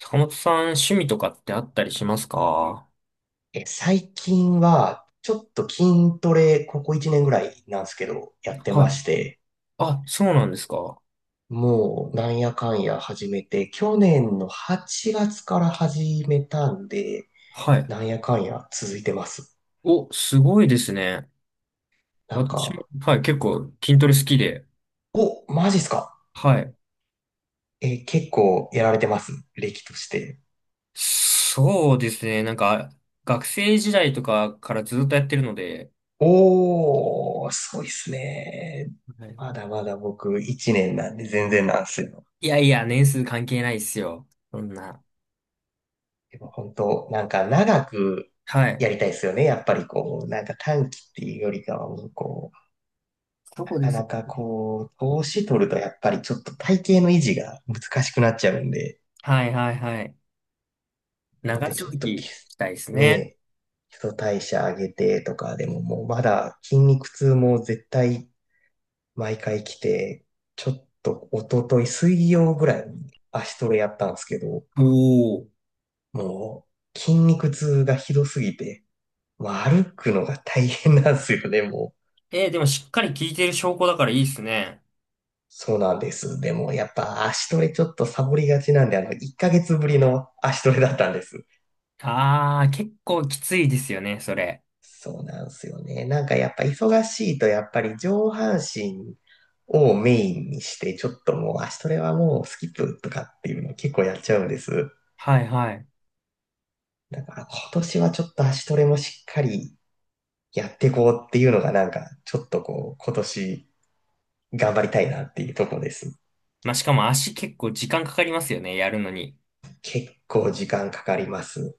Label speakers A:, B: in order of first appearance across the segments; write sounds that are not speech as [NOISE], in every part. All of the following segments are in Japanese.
A: 坂本さん、趣味とかってあったりしますか。
B: え、最近は、ちょっと筋トレ、ここ1年ぐらいなんですけど、やって
A: はい。
B: まして、
A: あ、そうなんですか。
B: もう、なんやかんや始めて、去年の8月から始めたんで、
A: はい。
B: なんやかんや続いてます。
A: お、すごいですね。
B: なん
A: 私も、
B: か、
A: はい、結構筋トレ好きで。
B: お、マジっすか？
A: はい。
B: え、結構やられてます？歴として。
A: そうですね。なんか、学生時代とかからずっとやってるので、
B: おー、そういっすね。
A: は
B: ま
A: い。
B: だまだ僕1年なんで全然なんすよ。
A: いやいや、年数関係ないっすよ。そんな。
B: でも本当、なんか長く
A: はい。
B: やりたいですよね。やっぱりこう、なんか短期っていうよりかはもうこう、
A: そ
B: な
A: うで
B: か
A: す。
B: なかこう、投資取るとやっぱりちょっと体型の維持が難しくなっちゃうんで、
A: はいはいはい。
B: なの
A: 長
B: でちょ
A: 続
B: っとき、
A: きしたいです
B: ね
A: ね。
B: え、基礎代謝上げてとか、でももうまだ筋肉痛も絶対毎回来て、ちょっと一昨日水曜ぐらいに足トレやったんですけど、
A: おお。
B: もう筋肉痛がひどすぎて、まあ、歩くのが大変なんですよね、もう。
A: えー、でもしっかり聞いてる証拠だからいいっすね。
B: そうなんです。でも、やっぱ足トレちょっとサボりがちなんで、1ヶ月ぶりの足トレだったんです。
A: ああ、結構きついですよね、それ。
B: そうなんですよね。なんかやっぱ忙しいと、やっぱり上半身をメインにして、ちょっともう足トレはもうスキップとかっていうの結構やっちゃうんです。
A: はいはい。
B: だから今年はちょっと足トレもしっかりやっていこうっていうのがなんか、ちょっとこう、今年頑張りたいなっていうとこです。
A: まあ、しかも足結構時間かかりますよね、やるのに。
B: 結構時間かかります。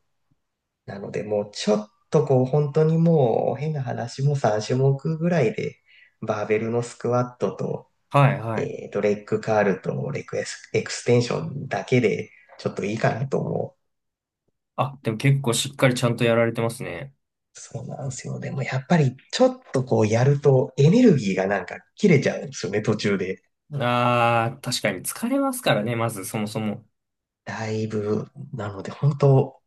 B: なので、もうちょっとこう、本当にもう、変な話も3種目ぐらいで、バーベルのスクワットと、
A: はいはい。
B: レッグカールとレクエス、エクステンションだけで、ちょっといいかなと思
A: あ、でも結構しっかりちゃんとやられてますね。
B: う。そうなんですよ。でもやっぱり、ちょっとこう、やると、エネルギーがなんか切れちゃうんですよね、途中で。
A: ああ、確かに疲れますからね、まずそもそも。
B: だいぶ、なので、本当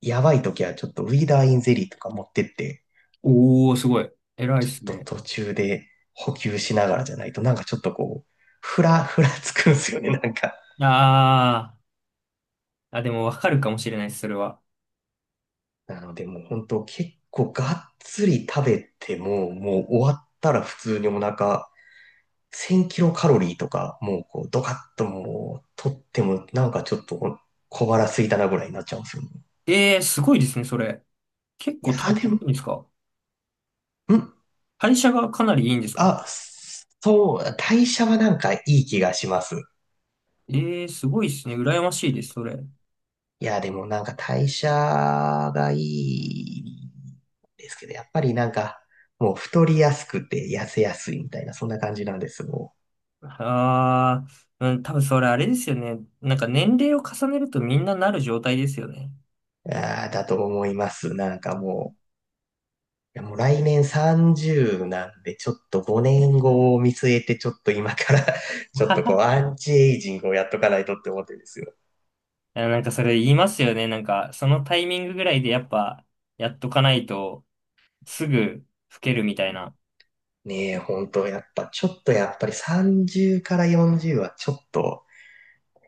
B: やばい時はちょっとウィーダーインゼリーとか持ってって、
A: おー、すごい。偉いっ
B: ちょっ
A: す
B: と
A: ね。
B: 途中で補給しながらじゃないと、なんかちょっとこう、[LAUGHS] ふらつくんですよね、なんか。
A: ああ、あ、でもわかるかもしれないです、それは。
B: なのでもう本当結構がっつり食べても、もう終わったら普通にお腹1000キロカロリーとか、もうこうドカッともう取っても、なんかちょっと小腹空いたなぐらいになっちゃうんですよね。
A: ええー、すごいですね、それ。結
B: い
A: 構
B: や
A: 体
B: ーで
A: 験いい
B: も、
A: んですか。
B: ん、
A: 代謝がかなりいいんですか。
B: あ、そう、代謝はなんかいい気がします。
A: ええー、すごいですね。羨ましいです、それ。
B: いや、でもなんか代謝がいいですけど、やっぱりなんか、もう太りやすくて痩せやすいみたいな、そんな感じなんです、も
A: ああ、うん、多分それあれですよね。なんか年齢を重ねるとみんななる状態ですよね。
B: う。あーだと思います。なんかもう、いやもう来年30なんで、ちょっと5年後を見据えて、ちょっと今から [LAUGHS] ちょっとこう、
A: [LAUGHS]
B: アンチエイジングをやっとかないとって思ってるんですよ。
A: あ、なんかそれ言いますよね。なんかそのタイミングぐらいでやっぱやっとかないとすぐ老けるみたいな。
B: ねえ、本当やっぱ、ちょっとやっぱり30から40はちょっと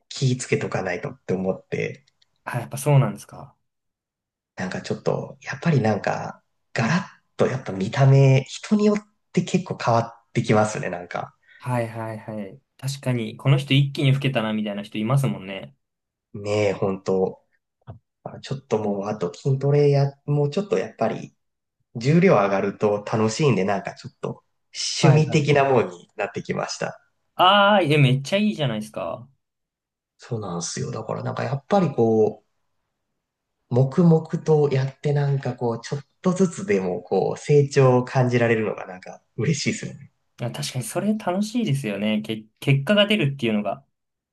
B: 気ぃつけとかないとって思って、
A: あ、やっぱそうなんですか。
B: なんかちょっと、やっぱりなんか、ガラッとやっぱ見た目、人によって結構変わってきますね、なんか。
A: はいはいはい。確かに、この人一気に老けたなみたいな人いますもんね。
B: ねえ、本当あちょっともう、あと筋トレや、もうちょっとやっぱり、重量上がると楽しいんで、なんかちょっと、趣
A: はい
B: 味
A: は
B: 的
A: い。
B: なもんになってきました。
A: ああ、いや、めっちゃいいじゃないですか。
B: そうなんですよ。だからなんかやっぱりこう、黙々とやってなんかこう、ちょっとずつでもこう、成長を感じられるのがなんか嬉しいですよね。
A: あ、確かにそれ楽しいですよね。け、結果が出るっていうのが。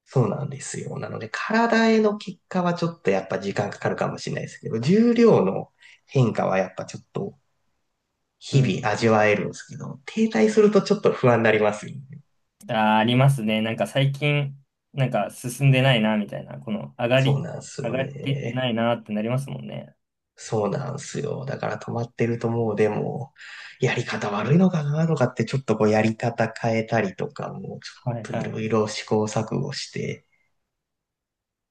B: そうなんですよ。なので、体への結果はちょっとやっぱ時間かかるかもしれないですけど、重量の変化はやっぱちょっと
A: う
B: 日
A: ん。
B: 々味わえるんですけど、停滞するとちょっと不安になりますよね。
A: あー、ありますね。なんか最近、なんか進んでないな、みたいな。この上が
B: そう
A: り、
B: なんです
A: 上
B: よ
A: がって
B: ね。
A: ないなってなりますもんね。
B: そうなんですよ。だから止まってるともうでも、やり方悪いのかなとかってちょっとこうやり方変えたりとかも、ち
A: はい
B: ょっとい
A: は
B: ろ
A: い。
B: いろ試行錯誤して、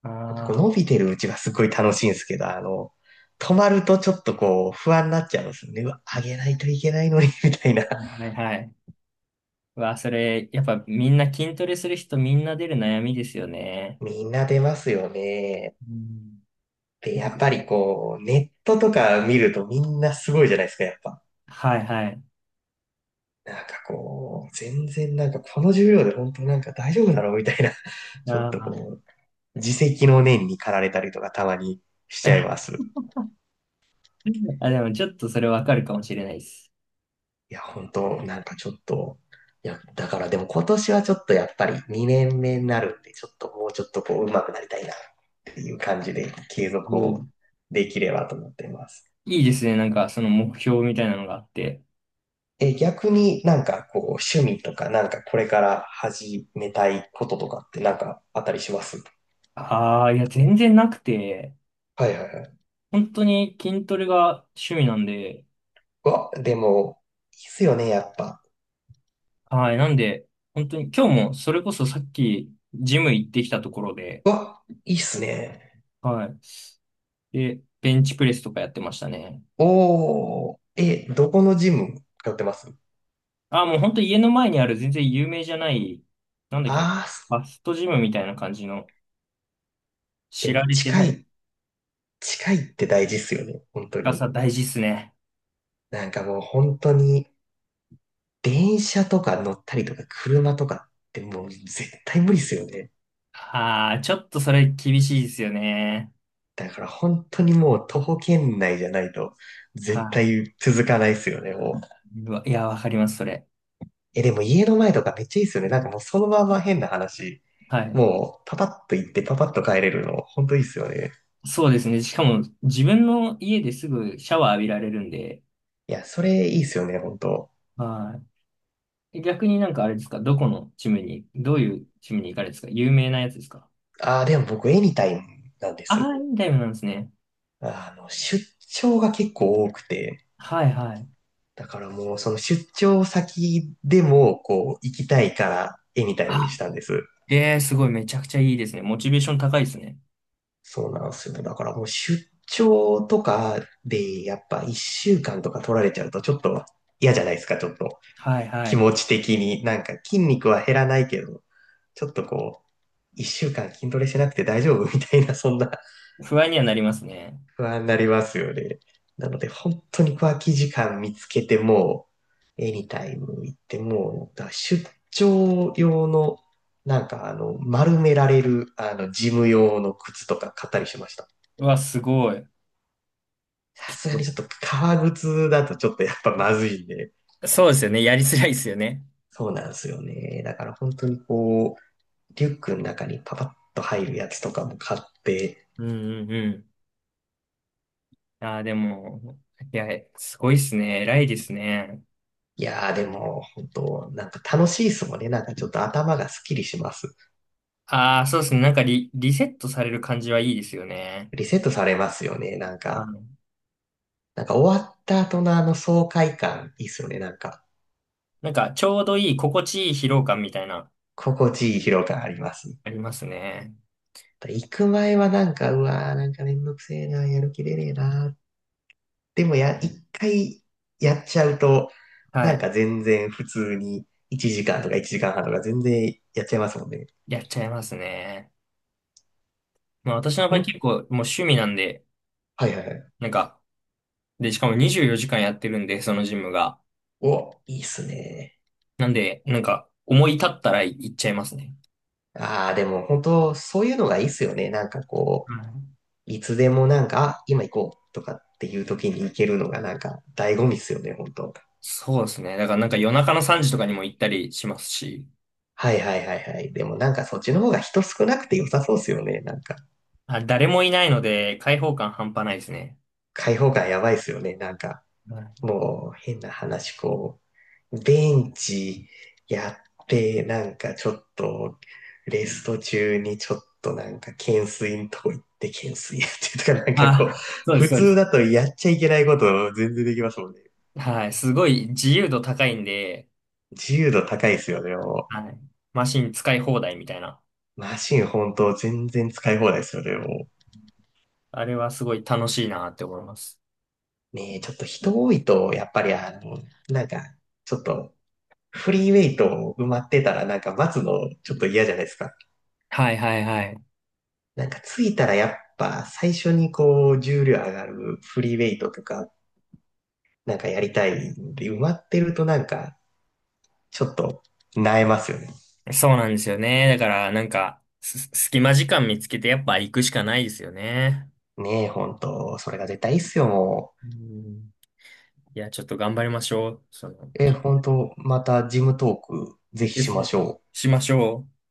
A: あ
B: こう伸
A: あ、
B: びてるうちはすごい楽しいんですけど、止まるとちょっとこう不安になっちゃうんですよね。うわ、上げないといけないのに、みたいな。[LAUGHS]
A: はいはい。うわ、それ、やっぱみんな筋トレする人みんな出る悩みですよね。
B: みんな出ますよね。
A: うん。
B: で、
A: な
B: や
A: ん
B: っ
A: か、
B: ぱりこう、ネットとか見るとみんなすごいじゃないですか、やっぱ。
A: はいはい。
B: なんかこう、全然なんかこの重量で本当なんか大丈夫だろうみたいな、
A: あ
B: ちょっ
A: ー。
B: とこう、自責の念に駆られたりとかたまにしちゃいます。
A: [LAUGHS] あ、でもちょっとそれわかるかもしれないです。
B: いや、本当なんかちょっと、いや、だからでも今年はちょっとやっぱり2年目になるんで、ちょっともうちょっとこう上手くなりたいなっていう感じで継続
A: もう、
B: をできればと思っています。
A: いいですね。なんかその目標みたいなのがあって。
B: え、逆になんかこう趣味とかなんかこれから始めたいこととかってなんかあったりします？
A: ああ、いや、全然なくて、
B: はいはいはい。
A: 本当に筋トレが趣味なんで、
B: うわ、でも、いいっすよね、やっぱ。
A: はい。なんで、本当に今日もそれこそさっきジム行ってきたところで、
B: うわ、いいっすね。
A: はい。で、ベンチプレスとかやってましたね。
B: おー、え、どこのジム通ってます？
A: あ、もう本当家の前にある全然有名じゃない、なんだっけな、フ
B: あー、
A: ァストジムみたいな感じの
B: で
A: 知ら
B: も
A: れて
B: 近
A: ない、
B: い近いって大事っすよね、本当
A: が
B: に。
A: さ大事っすね。
B: なんかもう本当に、電車とか乗ったりとか車とかってもう絶対無理っすよね。
A: ああ、ちょっとそれ厳しいですよね。
B: だから本当にもう徒歩圏内じゃないと絶
A: は
B: 対続かないっすよね、もう。
A: い。うわ、いや、わかります、それ。
B: え、でも家の前とかめっちゃいいっすよね。なんかもうそのまま変な話。
A: はい。
B: もうパパッと行ってパパッと帰れるの本当いいっすよね。
A: そうですね。しかも自分の家ですぐシャワー浴びられるんで、
B: いや、それいいっすよね、本当。
A: はい。え、逆になんかあれですか、どこのチームに、どういうチームに行かれですか、有名なやつですか。
B: ああ、でも僕エニタイムなんで
A: ああ
B: す。
A: ー、インタイムなんですね。
B: 出張が結構多くて、
A: はいはい。
B: だからもう、その出張先でも、こう、行きたいから、絵みたいにし
A: あ、
B: たんです。
A: えー、すごい、めちゃくちゃいいですね。モチベーション高いですね。
B: そうなんですよ。だからもう、出張とかで、やっぱ一週間とか取られちゃうと、ちょっと嫌じゃないですか、ちょっと。
A: はいは
B: 気
A: い。
B: 持ち的に。なんか、筋肉は減らないけど、ちょっとこう、一週間筋トレしなくて大丈夫みたいな、そんな
A: 不安にはなりますね。
B: 不安になりますよね。なので、本当に空き時間見つけて、もう、エニタイム行って、もう、だから出張用の、なんか、丸められる、ジム用の靴とか買ったりしました。
A: うわ、すごい。
B: さすがにちょっと革靴だとちょっとやっぱまずいんで、
A: そうですよね。やりづらいですよね。
B: そうなんですよね。だから本当にこう、リュックの中にパパッと入るやつとかも買って、
A: うんうんうん。ああ、でも、いや、すごいですね。偉いですね。
B: いやーでも本当、なんか楽しいですもんね。なんかちょっと頭がスッキリします。
A: ああ、そうですね。なんかリ、リセットされる感じはいいですよね。
B: リセットされますよね。なん
A: あ
B: か、
A: の、
B: なんか終わった後のあの爽快感、いいっすよね。なんか、
A: なんか、ちょうどいい、心地いい疲労感みたいな、
B: 心地いい疲労感あります。
A: ありますね。
B: 行く前はなんか、うわー、なんかめんどくせえな、やる気出ねえな。でもや、一回やっちゃうと、
A: は
B: なん
A: い。
B: か全然普通に1時間とか1時間半とか全然やっちゃいますもんね。
A: やっちゃいますね。まあ私の
B: ほ
A: 場合
B: ん、
A: 結構もう趣味なんで、
B: はいはいはい。
A: なんか、で、しかも24時間やってるんで、そのジムが。
B: お、いいっすね。
A: なんで、なんか、思い立ったら行っちゃいますね。
B: ああ、でも本当、そういうのがいいっすよね。なんかこ
A: は
B: う、
A: い。
B: いつでもなんか、あ、今行こうとかっていう時に行けるのがなんか醍醐味っすよね、本当。
A: そうですね。だからなんか夜中の3時とかにも行ったりしますし、
B: はいはいはいはい。でもなんかそっちの方が人少なくて良さそうっすよね、なんか。
A: あ、誰もいないので開放感半端ないですね。
B: 開放感やばいっすよね、なんか。
A: はい。
B: もう変な話、こう、ベンチやって、なんかちょっと、レスト中にちょっとなんか懸垂のとこ行って懸垂やってとか、[LAUGHS] なんかこう、
A: あ、そうです、
B: 普
A: そうで
B: 通
A: す。
B: だとやっちゃいけないこと全然できますもんね。
A: はい。すごい自由度高いんで、
B: 自由度高いっすよね、もう。
A: はい。マシン使い放題みたいな。
B: マシン本当全然使い放題ですよね、も
A: あれはすごい楽しいなって思います。
B: う。ねえ、ちょっと人多いと、やっぱりあの、なんか、ちょっと、フリーウェイト埋まってたらなんか待つのちょっと嫌じゃないですか。
A: はいはいはい。
B: なんか着いたらやっぱ最初にこう重量上がるフリーウェイトとかなんかやりたいんで埋まってるとなんかちょっと萎えますよね。
A: そうなんですよね。だから、なんか、す隙間時間見つけてやっぱ行くしかないですよね。
B: ねえ、本当それが絶対いいっすよ、も
A: うん。いや、ちょっと頑張りましょう。その、
B: う。え、
A: き、
B: 本当またジムトークぜひ
A: で
B: し
A: す
B: ま
A: ね。
B: しょう。
A: しましょう。